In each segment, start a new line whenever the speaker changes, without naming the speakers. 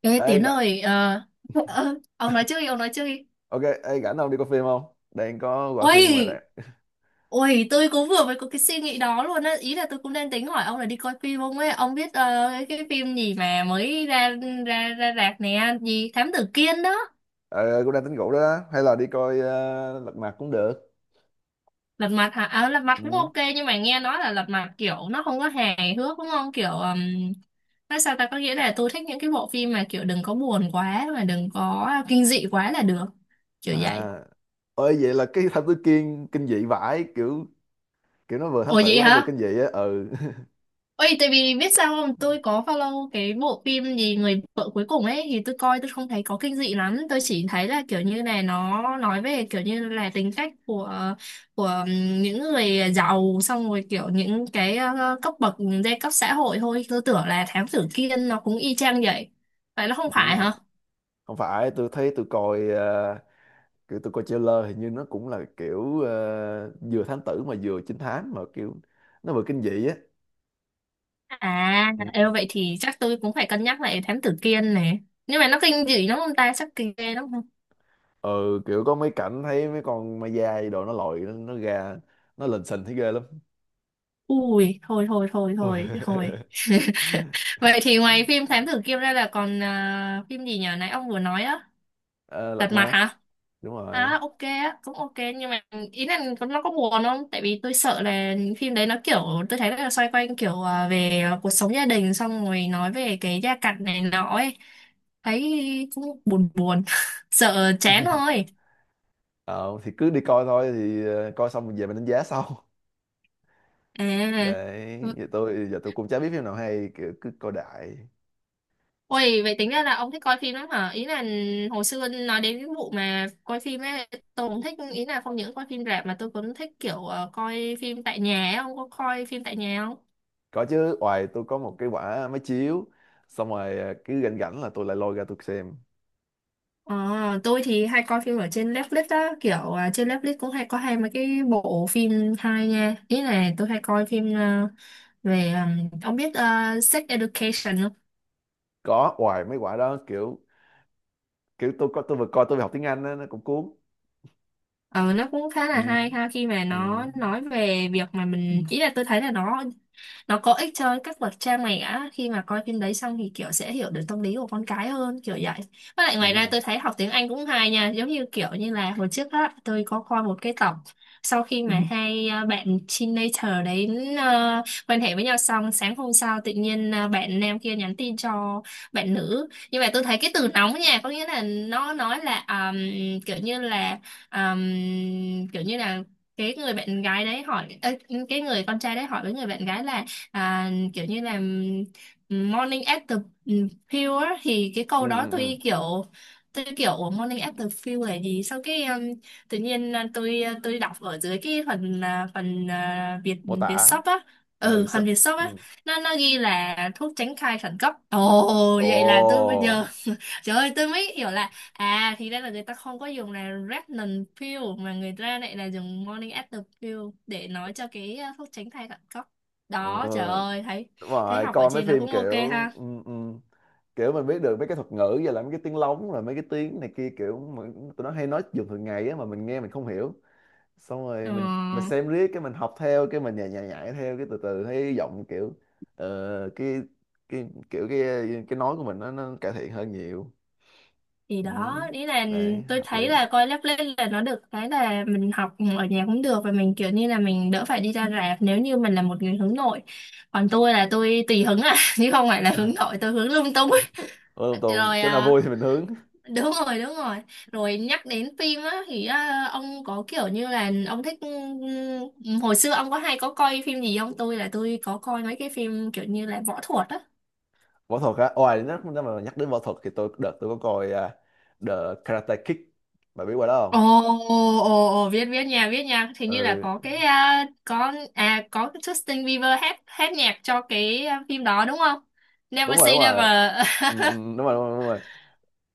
Ê
Ê
Tiến
rảnh.
ơi, ông nói trước đi, ông nói trước đi.
OK, ê rảnh không? Đi coi phim không? Đang có gọi phim ngoài
Ôi,
rạp.
ôi, tôi cũng vừa mới có cái suy nghĩ đó luôn á. Ý là tôi cũng đang tính hỏi ông là đi coi phim không ấy. Ông biết cái phim gì mà mới ra ra ra rạp nè, gì Thám Tử Kiên đó.
Ờ, Cũng đang tính ngủ đó hay là đi coi Lật Mặt cũng được.
Lật mặt hả? À, lật mặt cũng
Ừ.
ok nhưng mà nghe nói là lật mặt kiểu nó không có hài hước đúng không? Kiểu nói sao ta, có nghĩa là tôi thích những cái bộ phim mà kiểu đừng có buồn quá mà đừng có kinh dị quá là được. Kiểu vậy.
À, ôi vậy là cái Thám Tử Kiên kinh dị vãi, kiểu kiểu nó vừa thám
Ủa
tử
vậy
mà nó vừa
hả?
kinh dị á, ừ.
Ôi, tại vì biết sao không, tôi có follow cái bộ phim gì Người vợ cuối cùng ấy thì tôi coi tôi không thấy có kinh dị lắm, tôi chỉ thấy là kiểu như này, nó nói về kiểu như là tính cách của của những người giàu, xong rồi kiểu những cái cấp bậc giai cấp xã hội thôi, tôi tưởng là Thám Tử Kiên nó cũng y chang vậy. Vậy nó không phải
Ừ,
hả?
không phải, tôi thấy tôi coi kiểu tôi coi trailer hình như nó cũng là kiểu vừa thám tử mà vừa trinh thám, mà kiểu nó vừa kinh dị á,
À, ê,
ừ.
vậy thì chắc tôi cũng phải cân nhắc lại Thám Tử Kiên này. Nhưng mà nó kinh dị lắm không ta, chắc kinh ghê lắm.
Ừ, kiểu có mấy cảnh thấy mấy con ma dai đồ, nó lội nó ra, nó lình xình thấy ghê lắm.
Ui, thôi thôi thôi thôi
Ôi.
thôi. Vậy thì ngoài phim Thám tử Kiêm ra là còn à, phim gì nhỉ? Nãy ông vừa nói á,
Ờ, lật
Lật mặt
má
hả?
đúng rồi.
À ok á, cũng ok nhưng mà ý là nó có buồn không? Tại vì tôi sợ là những phim đấy nó kiểu tôi thấy là xoay quanh kiểu à, về à, cuộc sống gia đình xong rồi nói về cái gia cảnh này nọ ấy. Thấy cũng buồn buồn. Sợ chán thôi.
Ờ, thì cứ đi coi thôi, thì coi xong về mình đánh giá sau.
À.
Để giờ tôi cũng chả biết phim nào hay, cứ, cứ coi đại.
Ôi, vậy tính ra là ông thích coi phim lắm hả? Ý là hồi xưa nói đến cái vụ mà coi phim ấy, tôi cũng thích, ý là không những coi phim rạp mà tôi cũng thích kiểu coi phim tại nhà ấy, ông có coi phim tại nhà không?
Có chứ, ngoài tôi có một cái quả máy chiếu, xong rồi cứ rảnh rảnh là tôi lại lôi ra tôi xem.
Ờ, tôi thì hay coi phim ở trên Netflix á, kiểu trên Netflix cũng hay có hai mấy cái bộ phim hay nha. Ý là tôi hay coi phim về, ông biết Sex Education không?
Có, ngoài mấy quả đó kiểu, kiểu tôi vừa coi tôi vừa học tiếng Anh đó, nó cũng cuốn.
Ờ, nó cũng khá
Ừ.
là hay ha khi mà
Ừ.
nó nói về việc mà mình, ý là tôi thấy là nó có ích cho các bậc cha mẹ á, khi mà coi phim đấy xong thì kiểu sẽ hiểu được tâm lý của con cái hơn, kiểu vậy. Với lại ngoài ra
Ừ.
tôi thấy học tiếng Anh cũng hay nha, giống như kiểu như là hồi trước á, tôi có coi một cái tập sau khi Ừ. mà Ừ. hai à, bạn teenager đấy à, quan hệ với nhau, xong sáng hôm sau tự nhiên à, bạn nam kia nhắn tin cho bạn nữ, nhưng mà tôi thấy cái từ nóng nha, có nghĩa là nó nói là kiểu như là um, kiểu như là cái người bạn gái đấy hỏi ê, cái người con trai đấy hỏi với người bạn gái là à, kiểu như là morning after pill á, thì cái
Ừ.
câu đó
Ừ. Ừ.
tôi kiểu "Ủa, morning after pill là gì?" Sau cái tự nhiên à, tôi đọc ở dưới cái phần à, phần à, Việt
Mô
Việt
tả.
shop á,
À,
ừ
sub.
phần Việt shop
Ừ.
á, nó ghi là thuốc tránh thai khẩn cấp. Ồ,
Ồ.
vậy là tôi bây giờ trời ơi, tôi mới hiểu là à thì ra là người ta không có dùng là Retinol pill mà người ta lại là dùng morning after pill để nói cho cái thuốc tránh thai cận cấp.
Ừ.
Đó, trời ơi, thấy
Đúng
thấy
rồi,
học ở
coi mấy
trên nó
phim
cũng ok
kiểu,
ha.
ừ, ừ, kiểu mình biết được mấy cái thuật ngữ và là mấy cái tiếng lóng, rồi mấy cái tiếng này kia, kiểu mà tụi nó hay nói dùng thường ngày á, mà mình nghe mình không hiểu, xong
Ờ,
rồi mình xem riết cái mình học theo, cái mình nhại nhại nhảy theo, cái từ từ thấy giọng kiểu, ờ, cái cái kiểu nói của mình nó cải thiện hơn nhiều.
thì
Ừ.
đó, ý là
Đấy
tôi
hợp lý.
thấy là coi lớp lên là nó được cái là mình học ở nhà cũng được và mình kiểu như là mình đỡ phải đi ra rạp nếu như mình là một người hướng nội. Còn tôi là tôi tùy hứng à, chứ không phải là hướng nội, tôi hướng lung tung.
Ôi, Tùng Tùng,
Rồi
chỗ nào
à,
vui thì mình hướng.
đúng rồi đúng rồi, rồi nhắc đến phim á thì á, ông có kiểu như là ông thích hồi xưa ông có hay có coi phim gì không, tôi là tôi có coi mấy cái phim kiểu như là võ thuật á.
Võ thuật á, ngoài nó mà nhắc đến võ thuật thì đợt tôi có coi The Karate Kid, bà biết qua đó không?
Ồ ồ Ồ biết biết nha, biết nha, thì như là
Ừ.
có cái à có cái Justin Bieber hát hát nhạc cho cái à, phim đó đúng không?
Đúng
Never
rồi, đúng
Say
rồi.
Never.
Ừ, ừ, ừ, đúng rồi, đúng rồi, đúng rồi.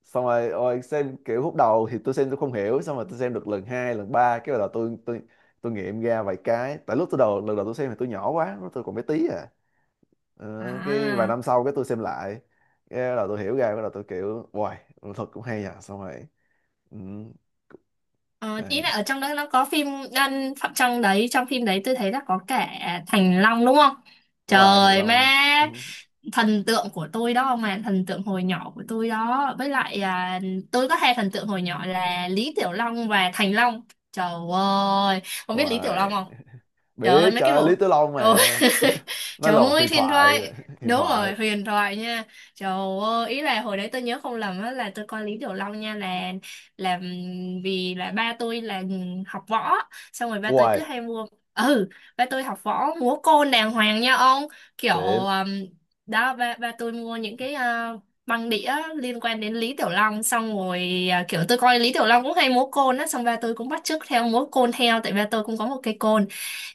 Xong rồi ôi, xem kiểu khúc đầu thì tôi xem tôi không hiểu, xong rồi tôi xem được lần hai lần ba, cái bắt đầu tôi nghiệm ra vài cái, tại lúc tôi đầu lần đầu tôi xem thì tôi nhỏ quá, lúc tôi còn bé tí à. Cái vài
À
năm sau cái tôi xem lại, cái bắt đầu tôi hiểu ra, bắt đầu tôi kiểu wow, thật cũng hay à. Xong rồi, ừ,
ờ, ý là
đấy.
ở trong đó nó có phim đan phạm trong đấy, trong phim đấy tôi thấy là có cả Thành Long đúng không?
Đúng rồi, Thành
Trời má,
Long. Ừ,
thần tượng của tôi đó, mà thần tượng hồi nhỏ của tôi đó, với lại à, tôi có hai thần tượng hồi nhỏ là Lý Tiểu Long và Thành Long. Trời ơi, không
đúng
biết Lý Tiểu Long
rồi.
không, trời ơi
Biết,
mấy
trời
cái
ơi, Lý
bộ
Tử Long
ừ.
mà. Nó
Trời
là một
ơi
huyền
huyền
thoại.
thoại,
Huyền
đúng rồi
thoại.
huyền thoại nha. Trời ơi, ý là hồi đấy tôi nhớ không lầm á là tôi coi Lý Tiểu Long nha, là là vì là ba tôi là học võ, xong rồi ba tôi
Wow.
cứ hay mua, ừ, ba tôi học võ múa côn đàng hoàng nha ông, kiểu
Tiện.
đó, ba ba tôi mua những cái băng đĩa liên quan đến Lý Tiểu Long, xong rồi à, kiểu tôi coi Lý Tiểu Long cũng hay múa côn á, xong ba tôi cũng bắt chước theo múa côn theo tại ba tôi cũng có một cây côn.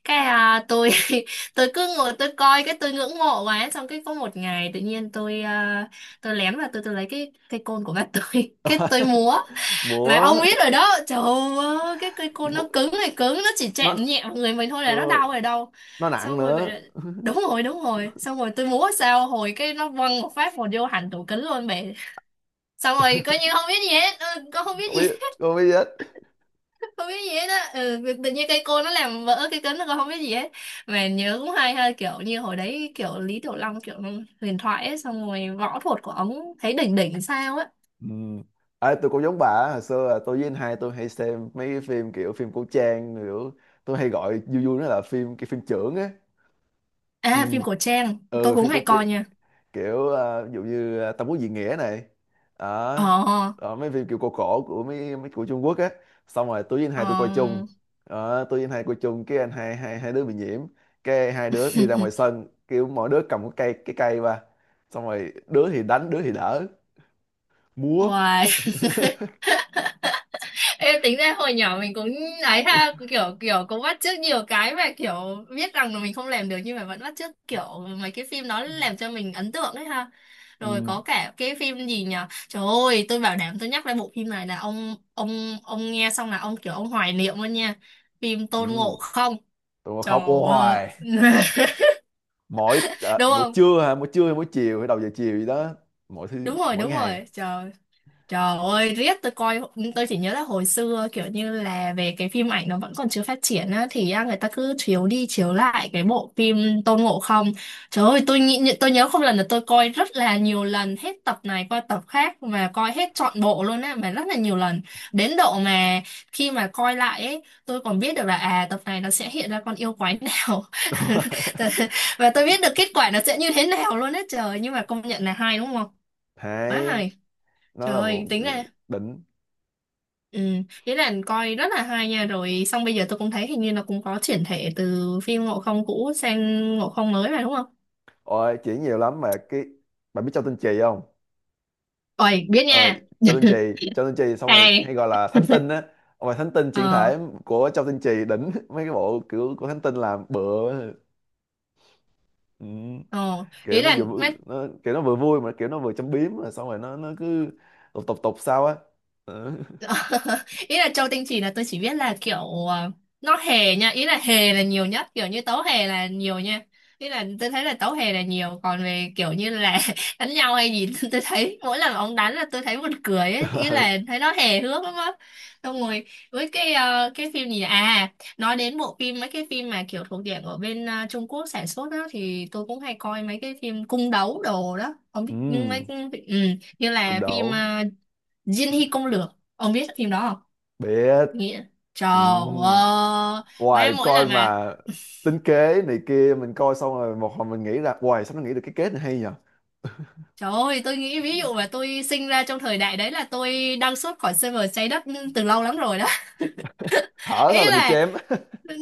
Cái à, tôi tôi cứ ngồi tôi coi cái tôi ngưỡng mộ quá, xong cái có một ngày tự nhiên tôi lén và tôi lấy cái cây côn của ba tôi cái tôi múa. Và ông
Múa.
biết rồi đó, trời ơi, cái cây côn nó
Bộ-
cứng này cứng, nó chỉ
nó
chạm nhẹ vào người mình thôi là nó
ờ,
đau rồi đâu.
nó nặng
Xong rồi vậy
nữa.
là, đúng rồi, đúng rồi. Xong rồi tôi múa sao, hồi cái nó văng một phát một vô hẳn tủ kính luôn mẹ. Xong rồi coi như không biết gì hết, ừ, con không biết
Không
gì
biết,
hết,
không biết hết.
không biết gì hết á. Ừ, tự nhiên cây côn nó làm vỡ cái kính, con không biết gì hết. Mà nhớ cũng hay ha, kiểu như hồi đấy kiểu Lý Tiểu Long kiểu huyền thoại ấy, xong rồi võ thuật của ông thấy đỉnh đỉnh sao á.
Ừ. À, tôi cũng giống bà á, hồi xưa là tôi với anh hai tôi hay xem mấy cái phim kiểu phim cổ trang, kiểu tôi hay gọi vui vui nó là phim phim chưởng á. Ừ.
À, phim cổ trang, tôi
Ừ,
cũng
phim cổ
hay
trang.
coi nha.
Kiểu ví dụ như Tam Quốc Diễn Nghĩa này. Đó.
Ờ,
Rồi mấy phim kiểu cổ cổ của mấy mấy của Trung Quốc á, xong rồi tôi với anh hai tôi coi chung.
ờ.
Đó, tôi với anh hai coi chung, cái anh hai hai hai đứa bị nhiễm, cái hai đứa đi ra ngoài sân, kiểu mỗi đứa cầm cái cây qua, xong rồi đứa thì đánh đứa thì đỡ. Múa.
Uầy, em tính ra hồi nhỏ mình cũng ấy ha, kiểu kiểu cũng bắt chước nhiều cái mà kiểu biết rằng là mình không làm được nhưng mà vẫn bắt chước, kiểu mấy cái phim nó làm cho mình ấn tượng đấy ha.
Ừ.
Rồi có cả cái phim gì nhỉ? Trời ơi, tôi bảo đảm tôi nhắc lại bộ phim này là ông nghe xong là ông kiểu ông hoài niệm luôn nha. Phim Tôn
Ừ.
Ngộ Không.
Tôi mà khóc
Trời
ô
ơi.
hoài. Mỗi
Đúng
mỗi
không?
trưa hả, mỗi trưa hay mỗi chiều hay đầu giờ chiều gì đó, mỗi thứ
Đúng rồi,
mỗi
đúng
ngày.
rồi. Trời. Trời ơi, riết tôi coi, tôi chỉ nhớ là hồi xưa kiểu như là về cái phim ảnh nó vẫn còn chưa phát triển á, thì á, người ta cứ chiếu đi chiếu lại cái bộ phim Tôn Ngộ Không. Trời ơi, tôi nghĩ, tôi nhớ không lần là tôi coi rất là nhiều lần, hết tập này qua tập khác mà coi hết trọn bộ luôn á, mà rất là nhiều lần. Đến độ mà khi mà coi lại ấy, tôi còn biết được là à tập này nó sẽ hiện ra con yêu quái nào.
Đó.
Và tôi biết được kết quả nó sẽ như thế nào luôn á trời, nhưng mà công nhận là hay đúng không? Quá
Hay.
hay.
Nó
Trời
là
ơi,
một,
tính
ừ,
ra
đỉnh.
ừ, ý là coi rất là hay nha, rồi xong bây giờ tôi cũng thấy hình như nó cũng có chuyển thể từ phim Ngộ Không cũ sang Ngộ Không mới mà đúng không?
Ôi, chuyện nhiều lắm mà cái, bạn biết Châu Tinh Trì không?
Ôi biết
Ờ,
nha
Châu Tinh Trì, Xong rồi hay
hay
gọi là Thánh Tinh á. Mà Thánh Tinh chuyển
ờ
thể của Châu Tinh Trì đỉnh. Mấy cái bộ kiểu của Thánh Tinh làm bựa, ừ,
ờ
kiểu
ý
nó
là
vừa vui- nó kiểu nó vừa vui mà kiểu nó vừa châm biếm, rồi xong rồi nó cứ tục tục tục sao á. Ừ.
ý là châu tinh trì là tôi chỉ biết là kiểu ờ, nó hề nha, ý là hề là nhiều nhất, kiểu như tấu hề là nhiều nha, ý là tôi thấy là tấu hề là nhiều, còn về kiểu như là đánh nhau hay gì tôi thấy mỗi lần ông đánh là tôi thấy buồn cười ấy. Ý là thấy nó hề hước lắm á. Xong rồi với cái cái phim gì nhỉ? À, nói đến bộ phim, mấy cái phim mà kiểu thuộc diện ở bên Trung Quốc sản xuất đó thì tôi cũng hay coi mấy cái phim cung đấu đồ đó, không biết
Ừ,
mấy ừ, như
cũng
là phim
đổ.
Diên Hy Công Lược. Ông biết phim đó không?
Biết.
Nghĩa, trời
Ừ.
ơi, má,
Hoài
mỗi
coi
lần mà
mà tính kế này kia, mình coi xong rồi một hồi mình nghĩ ra hoài, sao nó nghĩ được cái kết này hay nhờ.
trời ơi tôi nghĩ ví dụ mà tôi sinh ra trong thời đại đấy là tôi đăng xuất khỏi server trái đất từ lâu lắm rồi đó.
Thở
Ý
thôi là bị
là
chém.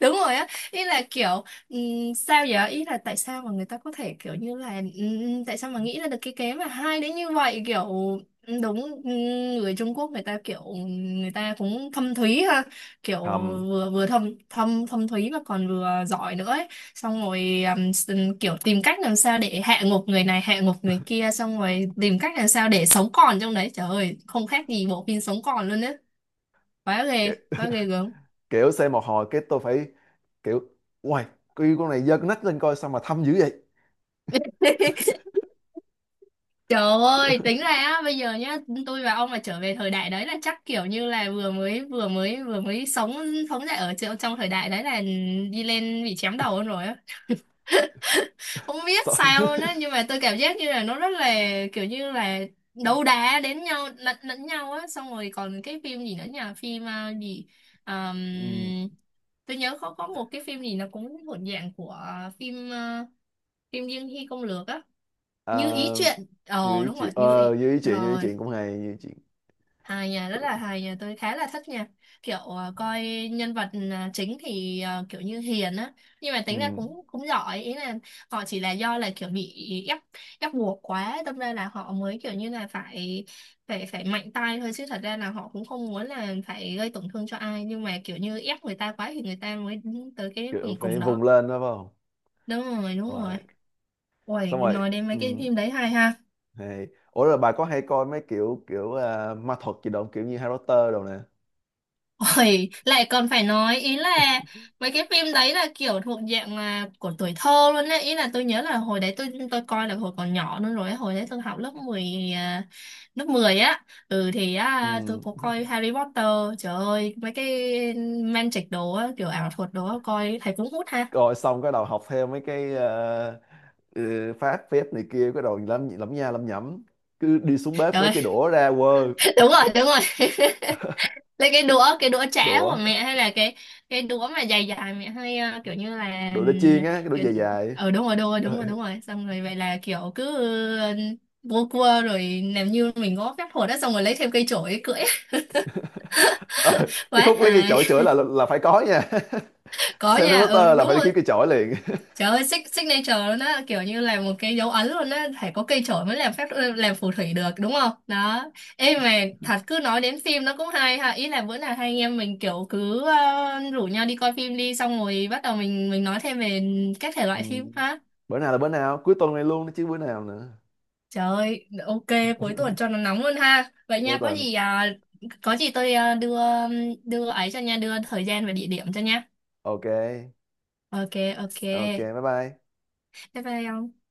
đúng rồi á, ý là kiểu sao vậy, ý là tại sao mà người ta có thể kiểu như là, tại sao mà nghĩ ra được cái kế mà hay đến như vậy, kiểu đúng, người Trung Quốc người ta kiểu người ta cũng thâm thúy ha, kiểu
Hầm.
vừa vừa thâm thâm thâm thúy mà còn vừa giỏi nữa ấy. Xong rồi kiểu tìm cách làm sao để hạ gục người này, hạ gục người kia, xong rồi tìm cách làm sao để sống còn trong đấy. Trời ơi, không khác gì bộ phim sống còn luôn á, quá ghê,
Ki-
quá ghê gớm.
kiểu xem một hồi cái tôi phải kiểu uầy, cái con này giơ cái nách lên coi sao mà thâm dữ vậy.
Trời ơi, tính ra á, bây giờ nhá, tôi và ông mà trở về thời đại đấy là chắc kiểu như là vừa mới sống, sống dậy ở trong thời đại đấy là đi lên bị chém đầu luôn rồi á. Không biết
Sợ-
sao luôn á, nhưng mà tôi cảm giác như là nó rất là kiểu như là đấu đá đến nhau, lẫn lẫn nhau á. Xong rồi còn cái phim gì nữa nhỉ? Phim à, gì
Ừm.
Ờm, tôi nhớ có một cái phim gì nó cũng thuộc dạng của phim à, phim Dương Hy Công Lược á, Như Ý
À,
Chuyện. Ờ đúng rồi, Như Ý.
như ý chị như ý
Ờ,
chị cũng hay, như ý chị.
hài nha, rất là hài nha, tôi khá là thích nha, kiểu coi nhân vật chính thì kiểu như hiền á, nhưng mà tính ra
Ừm,
cũng cũng giỏi, ý là họ chỉ là do là kiểu bị ép, ép buộc quá đâm ra là họ mới kiểu như là phải, phải mạnh tay thôi, chứ thật ra là họ cũng không muốn là phải gây tổn thương cho ai, nhưng mà kiểu như ép người ta quá thì người ta mới tới cái
kiểu
cùng
phải
cùng
vùng
đó.
lên đó phải không?
Đúng rồi, đúng
Rồi.
rồi. Ôi
Xong rồi,
nói đến mấy cái
ừm,
phim đấy hay ha.
hay. Ủa rồi bà có hay coi mấy kiểu kiểu ma thuật gì đâu, kiểu như Harry Potter đồ nè?
Ôi, lại còn phải nói, ý là mấy cái phim đấy là kiểu thuộc dạng là của tuổi thơ luôn đấy, ý là tôi nhớ là hồi đấy tôi coi là hồi còn nhỏ luôn rồi ấy. Hồi đấy tôi học lớp 10 à, lớp 10 á, ừ thì á, tôi
Ừm.
có coi Harry Potter, trời ơi mấy cái magic đồ á, kiểu ảo thuật đồ á coi thấy cũng hút ha.
Rồi xong cái đầu học theo mấy cái ừ, phát phép này kia, cái đầu lắm lắm nha, lắm nhẩm, cứ đi xuống bếp
Trời
lấy
ơi,
cái đũa ra quơ.
đúng rồi đúng rồi, lấy cái đũa, cái đũa chả
Đũa.
của mẹ, hay là cái đũa mà dài dài mẹ hay kiểu như là,
Đũa để chiên á, cái đũa
kiểu
dài dài.
đúng rồi đúng rồi đúng
Ờ.
rồi đúng rồi, xong rồi vậy là kiểu cứ ờ, vô cua rồi làm như mình có phép thuật đó, xong rồi lấy thêm cây chổi cưỡi.
ờ, cái
Quá
khúc lấy cái
hài.
chổi chửi là, là phải có nha.
Có
Xem
nha,
Harry
ừ
Potter là
đúng
phải đi kiếm
rồi.
cái chổi liền.
Trời ơi, signature luôn á, kiểu như là một cái dấu ấn luôn á, phải có cây chổi mới làm phép, làm phù thủy được đúng không? Đó. Ê mà thật, cứ nói đến phim nó cũng hay ha, ý là bữa nào hai anh em mình kiểu cứ rủ nhau đi coi phim đi, xong rồi bắt đầu mình nói thêm về các thể
Ừ.
loại phim ha.
Bữa nào là, bữa nào cuối tuần này luôn đó chứ bữa nào nữa.
Trời ơi, ok, cuối tuần cho nó nóng luôn ha. Vậy
Cuối
nha, có
tuần.
gì à, có gì tôi à, đưa, đưa ấy cho nha, đưa thời gian và địa điểm cho nha.
OK.
Ok, ok.
OK, bye bye.
Bye bye ông.